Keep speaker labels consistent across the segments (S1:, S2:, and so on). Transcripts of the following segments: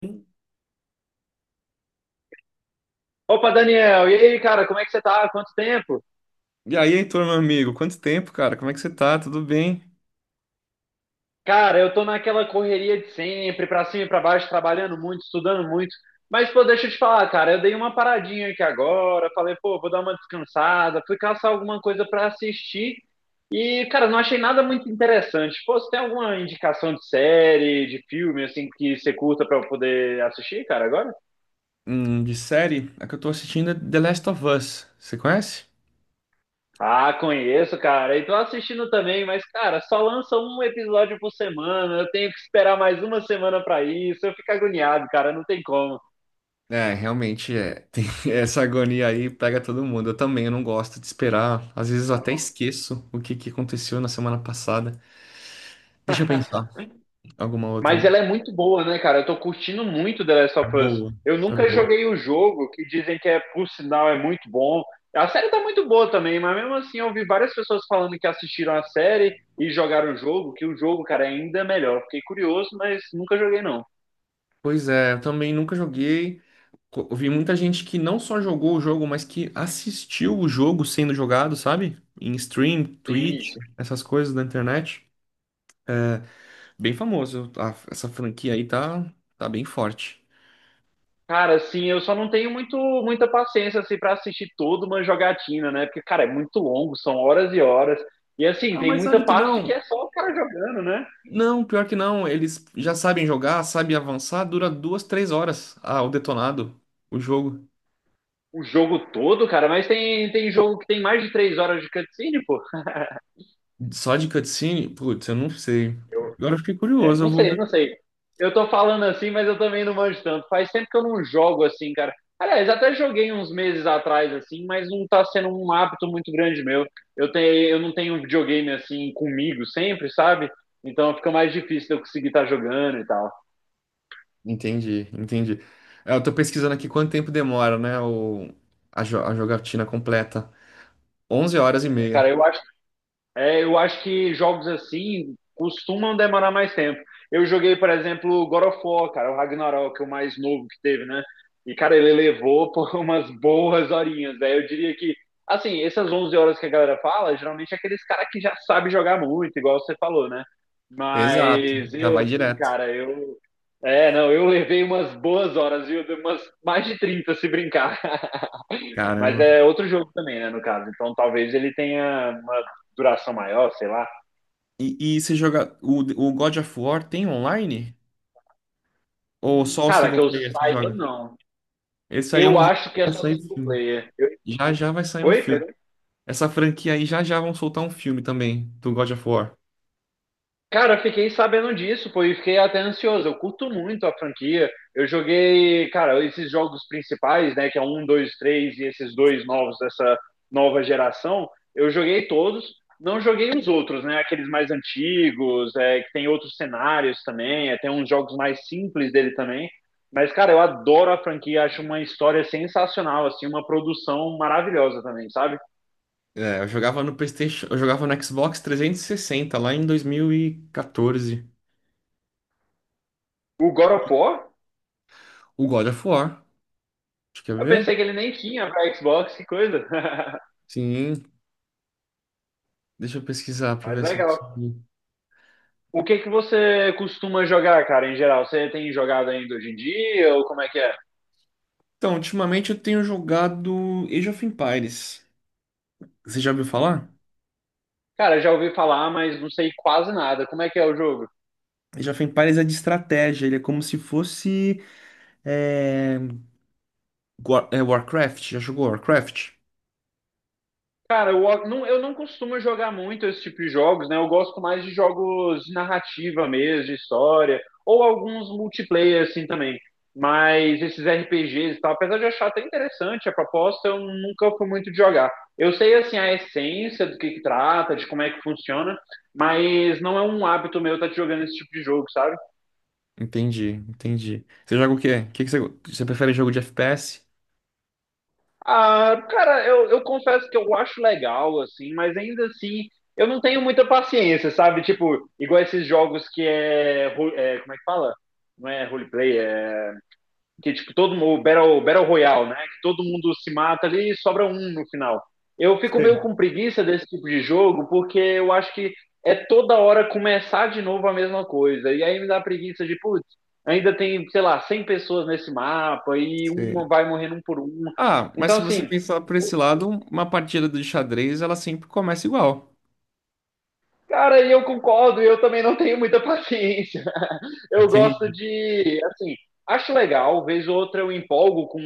S1: E
S2: Opa, Daniel, e aí, cara, como é que você tá? Quanto tempo?
S1: aí, turma, amigo, quanto tempo, cara? Como é que você tá? Tudo bem?
S2: Cara, eu tô naquela correria de sempre, pra cima e pra baixo, trabalhando muito, estudando muito. Mas, pô, deixa eu te falar, cara, eu dei uma paradinha aqui agora, falei, pô, vou dar uma descansada, fui caçar alguma coisa pra assistir e, cara, não achei nada muito interessante. Pô, você tem alguma indicação de série, de filme, assim, que você curta pra eu poder assistir, cara, agora?
S1: De série, a que eu tô assistindo é The Last of Us. Você conhece?
S2: Ah, conheço, cara. E tô assistindo também, mas, cara, só lança um episódio por semana. Eu tenho que esperar mais uma semana pra isso. Eu fico agoniado, cara. Não tem como.
S1: É, realmente é. Tem essa agonia aí pega todo mundo. Eu também, eu não gosto de esperar. Às vezes eu até esqueço o que que aconteceu na semana passada. Deixa eu pensar. Alguma outra.
S2: Mas ela é muito boa, né, cara? Eu tô curtindo muito The Last
S1: É
S2: of Us.
S1: boa.
S2: Eu
S1: É
S2: nunca
S1: boa.
S2: joguei o jogo, que dizem que é, por sinal, é muito bom. A série tá muito boa também, mas mesmo assim eu ouvi várias pessoas falando que assistiram a série e jogaram o jogo, que o jogo, cara, é ainda melhor. Fiquei curioso, mas nunca joguei, não.
S1: Pois é, eu também nunca joguei. Eu vi muita gente que não só jogou o jogo, mas que assistiu o jogo sendo jogado, sabe? Em stream,
S2: Sim.
S1: Twitch, essas coisas da internet. Bem famoso. Essa franquia aí tá, tá bem forte.
S2: Cara, assim, eu só não tenho muita paciência assim para assistir toda uma jogatina, né? Porque, cara, é muito longo, são horas e horas. E assim,
S1: Ah,
S2: tem
S1: mas
S2: muita
S1: sabe que
S2: parte que
S1: não?
S2: é só o cara jogando, né?
S1: Não, pior que não. Eles já sabem jogar, sabem avançar. Dura duas, três horas. Ah, o detonado. O jogo.
S2: O jogo todo, cara, mas tem jogo que tem mais de 3 horas de cutscene, pô.
S1: Só de cutscene? Putz, eu não sei. Agora eu fiquei
S2: É,
S1: curioso. Eu
S2: não
S1: vou.
S2: sei, não sei. Eu tô falando assim, mas eu também não manjo tanto. Faz tempo que eu não jogo assim, cara. Aliás, até joguei uns meses atrás, assim, mas não tá sendo um hábito muito grande meu. Eu não tenho um videogame assim comigo sempre, sabe? Então fica mais difícil de eu conseguir estar jogando e tal.
S1: Entendi, entendi. É, eu tô pesquisando aqui quanto tempo demora, né, o, a, a jogatina completa. 11 horas e
S2: É,
S1: meia.
S2: cara, eu acho que jogos assim costumam demorar mais tempo. Eu joguei, por exemplo, God of War, cara, o Ragnarok, o mais novo que teve, né? E, cara, ele levou por umas boas horinhas. Daí eu diria que, assim, essas 11 horas que a galera fala, geralmente é aqueles caras que já sabem jogar muito, igual você falou, né?
S1: Exato,
S2: Mas
S1: já
S2: eu,
S1: vai
S2: assim,
S1: direto.
S2: cara, eu. É, não, eu levei umas boas horas, viu? Umas mais de 30 se brincar. Mas
S1: Caramba.
S2: é outro jogo também, né, no caso. Então talvez ele tenha uma duração maior, sei lá.
S1: E você joga... O, o God of War tem online? Ou só o
S2: Cara, que
S1: single
S2: eu
S1: player você
S2: saiba,
S1: joga?
S2: não.
S1: Esse aí é
S2: Eu
S1: um jogo
S2: acho que é
S1: que vai
S2: só
S1: sair
S2: single
S1: filme.
S2: player. Eu...
S1: Já já vai sair um
S2: Oi,
S1: filme.
S2: Pedro?
S1: Essa franquia aí já já vão soltar um filme também, do God of War.
S2: Cara, eu fiquei sabendo disso, pô, e fiquei até ansioso. Eu curto muito a franquia. Eu joguei, cara, esses jogos principais, né, que é um, dois, três e esses dois novos dessa nova geração. Eu joguei todos, não joguei os outros, né, aqueles mais antigos, é, que tem outros cenários também, é, tem uns jogos mais simples dele também. Mas, cara, eu adoro a franquia, acho uma história sensacional, assim, uma produção maravilhosa também, sabe?
S1: É, eu jogava no PlayStation... Eu jogava no Xbox 360, lá em 2014.
S2: O God of War,
S1: O God of War. Acho que quer
S2: eu
S1: ver?
S2: pensei que ele nem tinha pra Xbox, que coisa.
S1: Sim, deixa eu pesquisar pra
S2: Mas
S1: ver se eu
S2: legal.
S1: consigo.
S2: O que que você costuma jogar, cara, em geral? Você tem jogado ainda hoje em dia ou como é que é?
S1: Então, ultimamente eu tenho jogado Age of Empires. Você já ouviu
S2: Hum,
S1: falar?
S2: Cara, já ouvi falar, mas não sei quase nada. Como é que é o jogo?
S1: Age of Empires é de estratégia, ele é como se fosse é, Warcraft. Já jogou Warcraft?
S2: Cara, eu não costumo jogar muito esse tipo de jogos, né? Eu gosto mais de jogos de narrativa mesmo, de história, ou alguns multiplayer assim também. Mas esses RPGs e tal, apesar de eu achar até interessante a proposta, eu nunca fui muito de jogar. Eu sei assim a essência do que trata, de como é que funciona, mas não é um hábito meu estar jogando esse tipo de jogo, sabe?
S1: Entendi, entendi. Você joga o quê? O que que você, você prefere jogo de FPS?
S2: Ah, cara, eu confesso que eu acho legal, assim, mas ainda assim eu não tenho muita paciência, sabe? Tipo, igual esses jogos que é, é, como é que fala? Não é roleplay, é que tipo todo mundo, o Battle Royale, né? Que todo mundo se mata ali e sobra um no final. Eu fico meio
S1: Sim.
S2: com preguiça desse tipo de jogo porque eu acho que é toda hora começar de novo a mesma coisa. E aí me dá preguiça de, putz, ainda tem, sei lá, 100 pessoas nesse mapa e
S1: Sim.
S2: uma vai morrendo um por um.
S1: Ah, mas
S2: Então,
S1: se você
S2: assim,
S1: pensar por esse lado, uma partida de xadrez, ela sempre começa igual.
S2: cara, e eu concordo, eu também não tenho muita paciência. Eu gosto
S1: Entendi.
S2: de, assim, acho legal, vez ou outra eu empolgo com,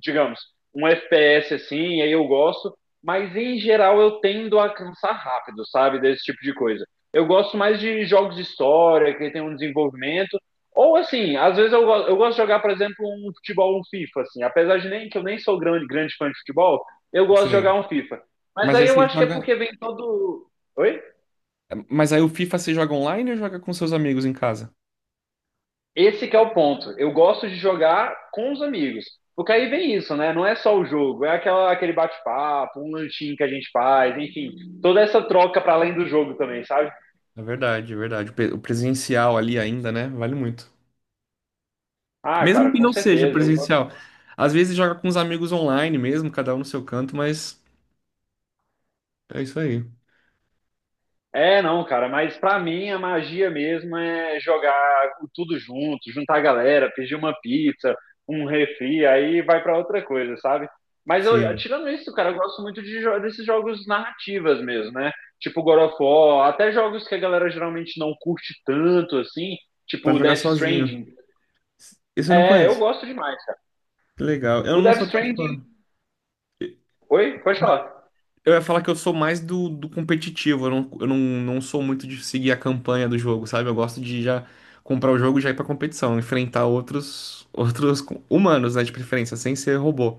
S2: digamos, um FPS assim, aí eu gosto, mas em geral eu tendo a cansar rápido, sabe, desse tipo de coisa. Eu gosto mais de jogos de história, que tem um desenvolvimento, ou assim, às vezes eu gosto de jogar, por exemplo, um futebol, um FIFA, assim, apesar de nem que eu nem sou grande, grande fã de futebol, eu gosto de jogar
S1: Sei.
S2: um FIFA. Mas
S1: Mas aí
S2: aí eu
S1: você
S2: acho que é
S1: joga.
S2: porque vem todo. Oi?
S1: Mas aí o FIFA você joga online ou joga com seus amigos em casa?
S2: Esse que é o ponto. Eu gosto de jogar com os amigos. Porque aí vem isso, né? Não é só o jogo, é aquela, aquele bate-papo, um lanchinho que a gente faz, enfim, toda essa troca para além do jogo também, sabe?
S1: É verdade, é verdade. O presencial ali ainda, né? Vale muito.
S2: Ah,
S1: Mesmo
S2: cara,
S1: que
S2: com
S1: não seja
S2: certeza. Eu
S1: presencial. Às vezes joga com os amigos online mesmo, cada um no seu canto, mas é isso aí.
S2: É, não, cara, mas pra mim a magia mesmo é jogar tudo junto, juntar a galera, pedir uma pizza, um refri, aí vai pra outra coisa, sabe? Mas eu,
S1: Sim.
S2: tirando isso, cara, eu gosto muito de desses jogos narrativas mesmo, né? Tipo God of War, até jogos que a galera geralmente não curte tanto, assim,
S1: Pra
S2: tipo
S1: jogar
S2: Death
S1: sozinho.
S2: Stranding.
S1: Esse eu não
S2: É, eu
S1: conheço.
S2: gosto demais.
S1: Que legal. Eu
S2: O
S1: não
S2: Death
S1: sou tão
S2: Stranding.
S1: fã.
S2: Oi? Pode falar.
S1: Eu ia falar que eu sou mais do competitivo, eu não, não sou muito de seguir a campanha do jogo, sabe? Eu gosto de já comprar o jogo e já ir pra competição, enfrentar outros, humanos, né, de preferência, sem ser robô,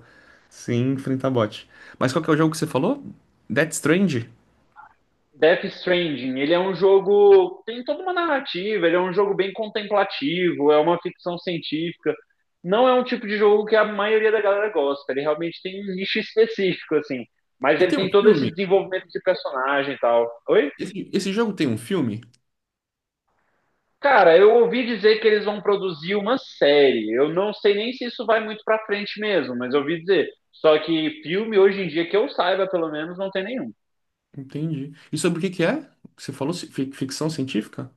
S1: sem enfrentar bot. Mas qual que é o jogo que você falou? Death Strange.
S2: Death Stranding, ele é um jogo, tem toda uma narrativa, ele é um jogo bem contemplativo, é uma ficção científica. Não é um tipo de jogo que a maioria da galera gosta, ele realmente tem um nicho específico, assim. Mas
S1: E
S2: ele
S1: tem um
S2: tem todo esse
S1: filme?
S2: desenvolvimento de personagem e tal. Oi?
S1: Esse jogo tem um filme?
S2: Cara, eu ouvi dizer que eles vão produzir uma série. Eu não sei nem se isso vai muito pra frente mesmo, mas eu ouvi dizer. Só que filme hoje em dia, que eu saiba pelo menos, não tem nenhum.
S1: Entendi. E sobre o que que é? Você falou ficção científica?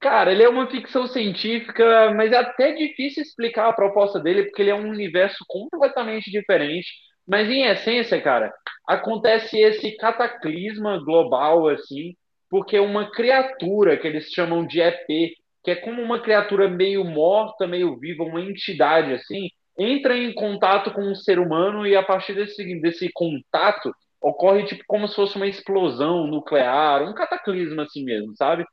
S2: Cara, ele é uma ficção científica, mas é até difícil explicar a proposta dele, porque ele é um universo completamente diferente. Mas em essência, cara, acontece esse cataclisma global, assim, porque uma criatura que eles chamam de EP, que é como uma criatura meio morta, meio viva, uma entidade, assim, entra em contato com um ser humano e a partir desse contato ocorre tipo como se fosse uma explosão nuclear, um cataclisma assim mesmo, sabe?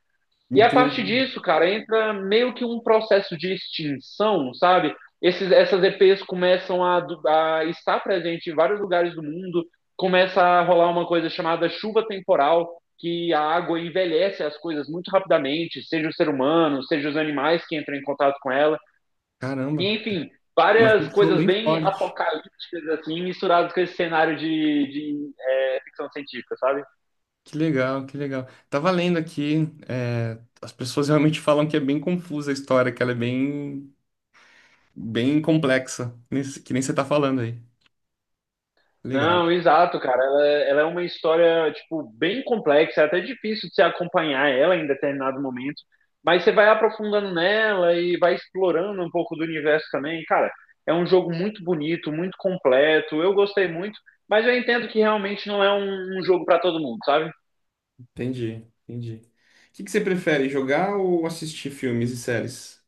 S2: E a partir
S1: Entendi.
S2: disso, cara, entra meio que um processo de extinção, sabe? Essas EPs começam a, a estar presente em vários lugares do mundo, começa a rolar uma coisa chamada chuva temporal, que a água envelhece as coisas muito rapidamente, seja o ser humano, seja os animais que entram em contato com ela, e
S1: Caramba,
S2: enfim,
S1: uma
S2: várias
S1: ficção
S2: coisas
S1: bem
S2: bem
S1: forte.
S2: apocalípticas, assim, misturadas com esse cenário é, ficção científica, sabe?
S1: Que legal, que legal. Tava lendo aqui, é, as pessoas realmente falam que é bem confusa a história, que ela é bem, bem complexa, que nem você tá falando aí. Legal.
S2: Não, exato, cara. Ela é uma história, tipo, bem complexa, é até difícil de se acompanhar ela em determinado momento, mas você vai aprofundando nela e vai explorando um pouco do universo também. Cara, é um jogo muito bonito, muito completo. Eu gostei muito, mas eu entendo que realmente não é um jogo para todo mundo, sabe?
S1: Entendi, entendi. O que que você prefere, jogar ou assistir filmes e séries?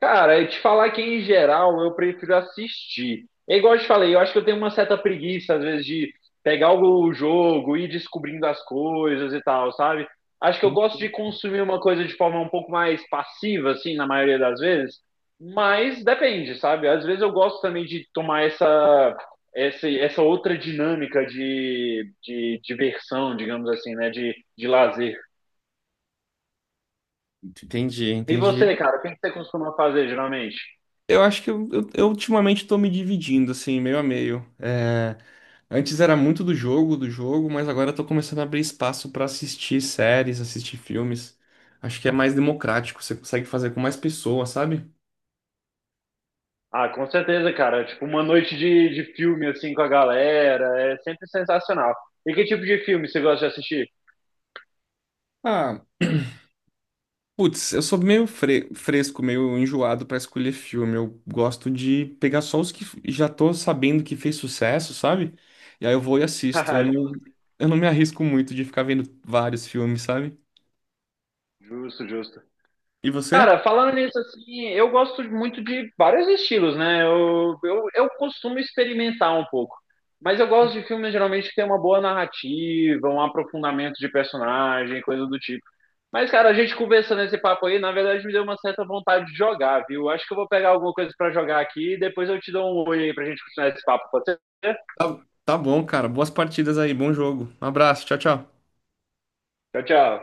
S2: Cara, eu te falar que em geral eu prefiro assistir. É igual eu te falei, eu acho que eu tenho uma certa preguiça às vezes de pegar o jogo e ir descobrindo as coisas e tal, sabe? Acho que eu gosto de consumir uma coisa de forma um pouco mais passiva, assim, na maioria das vezes. Mas depende, sabe? Às vezes eu gosto também de tomar essa outra dinâmica de diversão, digamos assim, né? De lazer.
S1: Entendi,
S2: E
S1: entendi.
S2: você, cara, o que que você costuma fazer geralmente?
S1: Eu acho que eu ultimamente tô me dividindo, assim, meio a meio. Antes era muito do jogo, mas agora eu tô começando a abrir espaço pra assistir séries, assistir filmes. Acho que é mais democrático, você consegue fazer com mais pessoas, sabe?
S2: Ah, com certeza, cara. Tipo, uma noite de filme, assim, com a galera, é sempre sensacional. E que tipo de filme você gosta de assistir?
S1: Ah, putz, eu sou meio fresco, meio enjoado pra escolher filme. Eu gosto de pegar só os que já tô sabendo que fez sucesso, sabe? E aí eu vou e assisto.
S2: Haha, justo,
S1: Eu não me arrisco muito de ficar vendo vários filmes, sabe?
S2: justo, justo.
S1: E você?
S2: Cara, falando nisso, assim, eu gosto muito de vários estilos, né? Eu costumo experimentar um pouco. Mas eu gosto de filmes, geralmente, que tem uma boa narrativa, um aprofundamento de personagem, coisa do tipo. Mas, cara, a gente conversando esse papo aí, na verdade, me deu uma certa vontade de jogar, viu? Acho que eu vou pegar alguma coisa pra jogar aqui e depois eu te dou um oi aí pra gente continuar esse papo, pode ser?
S1: Tá, tá bom, cara. Boas partidas aí, bom jogo. Um abraço, tchau, tchau.
S2: Tchau, tchau.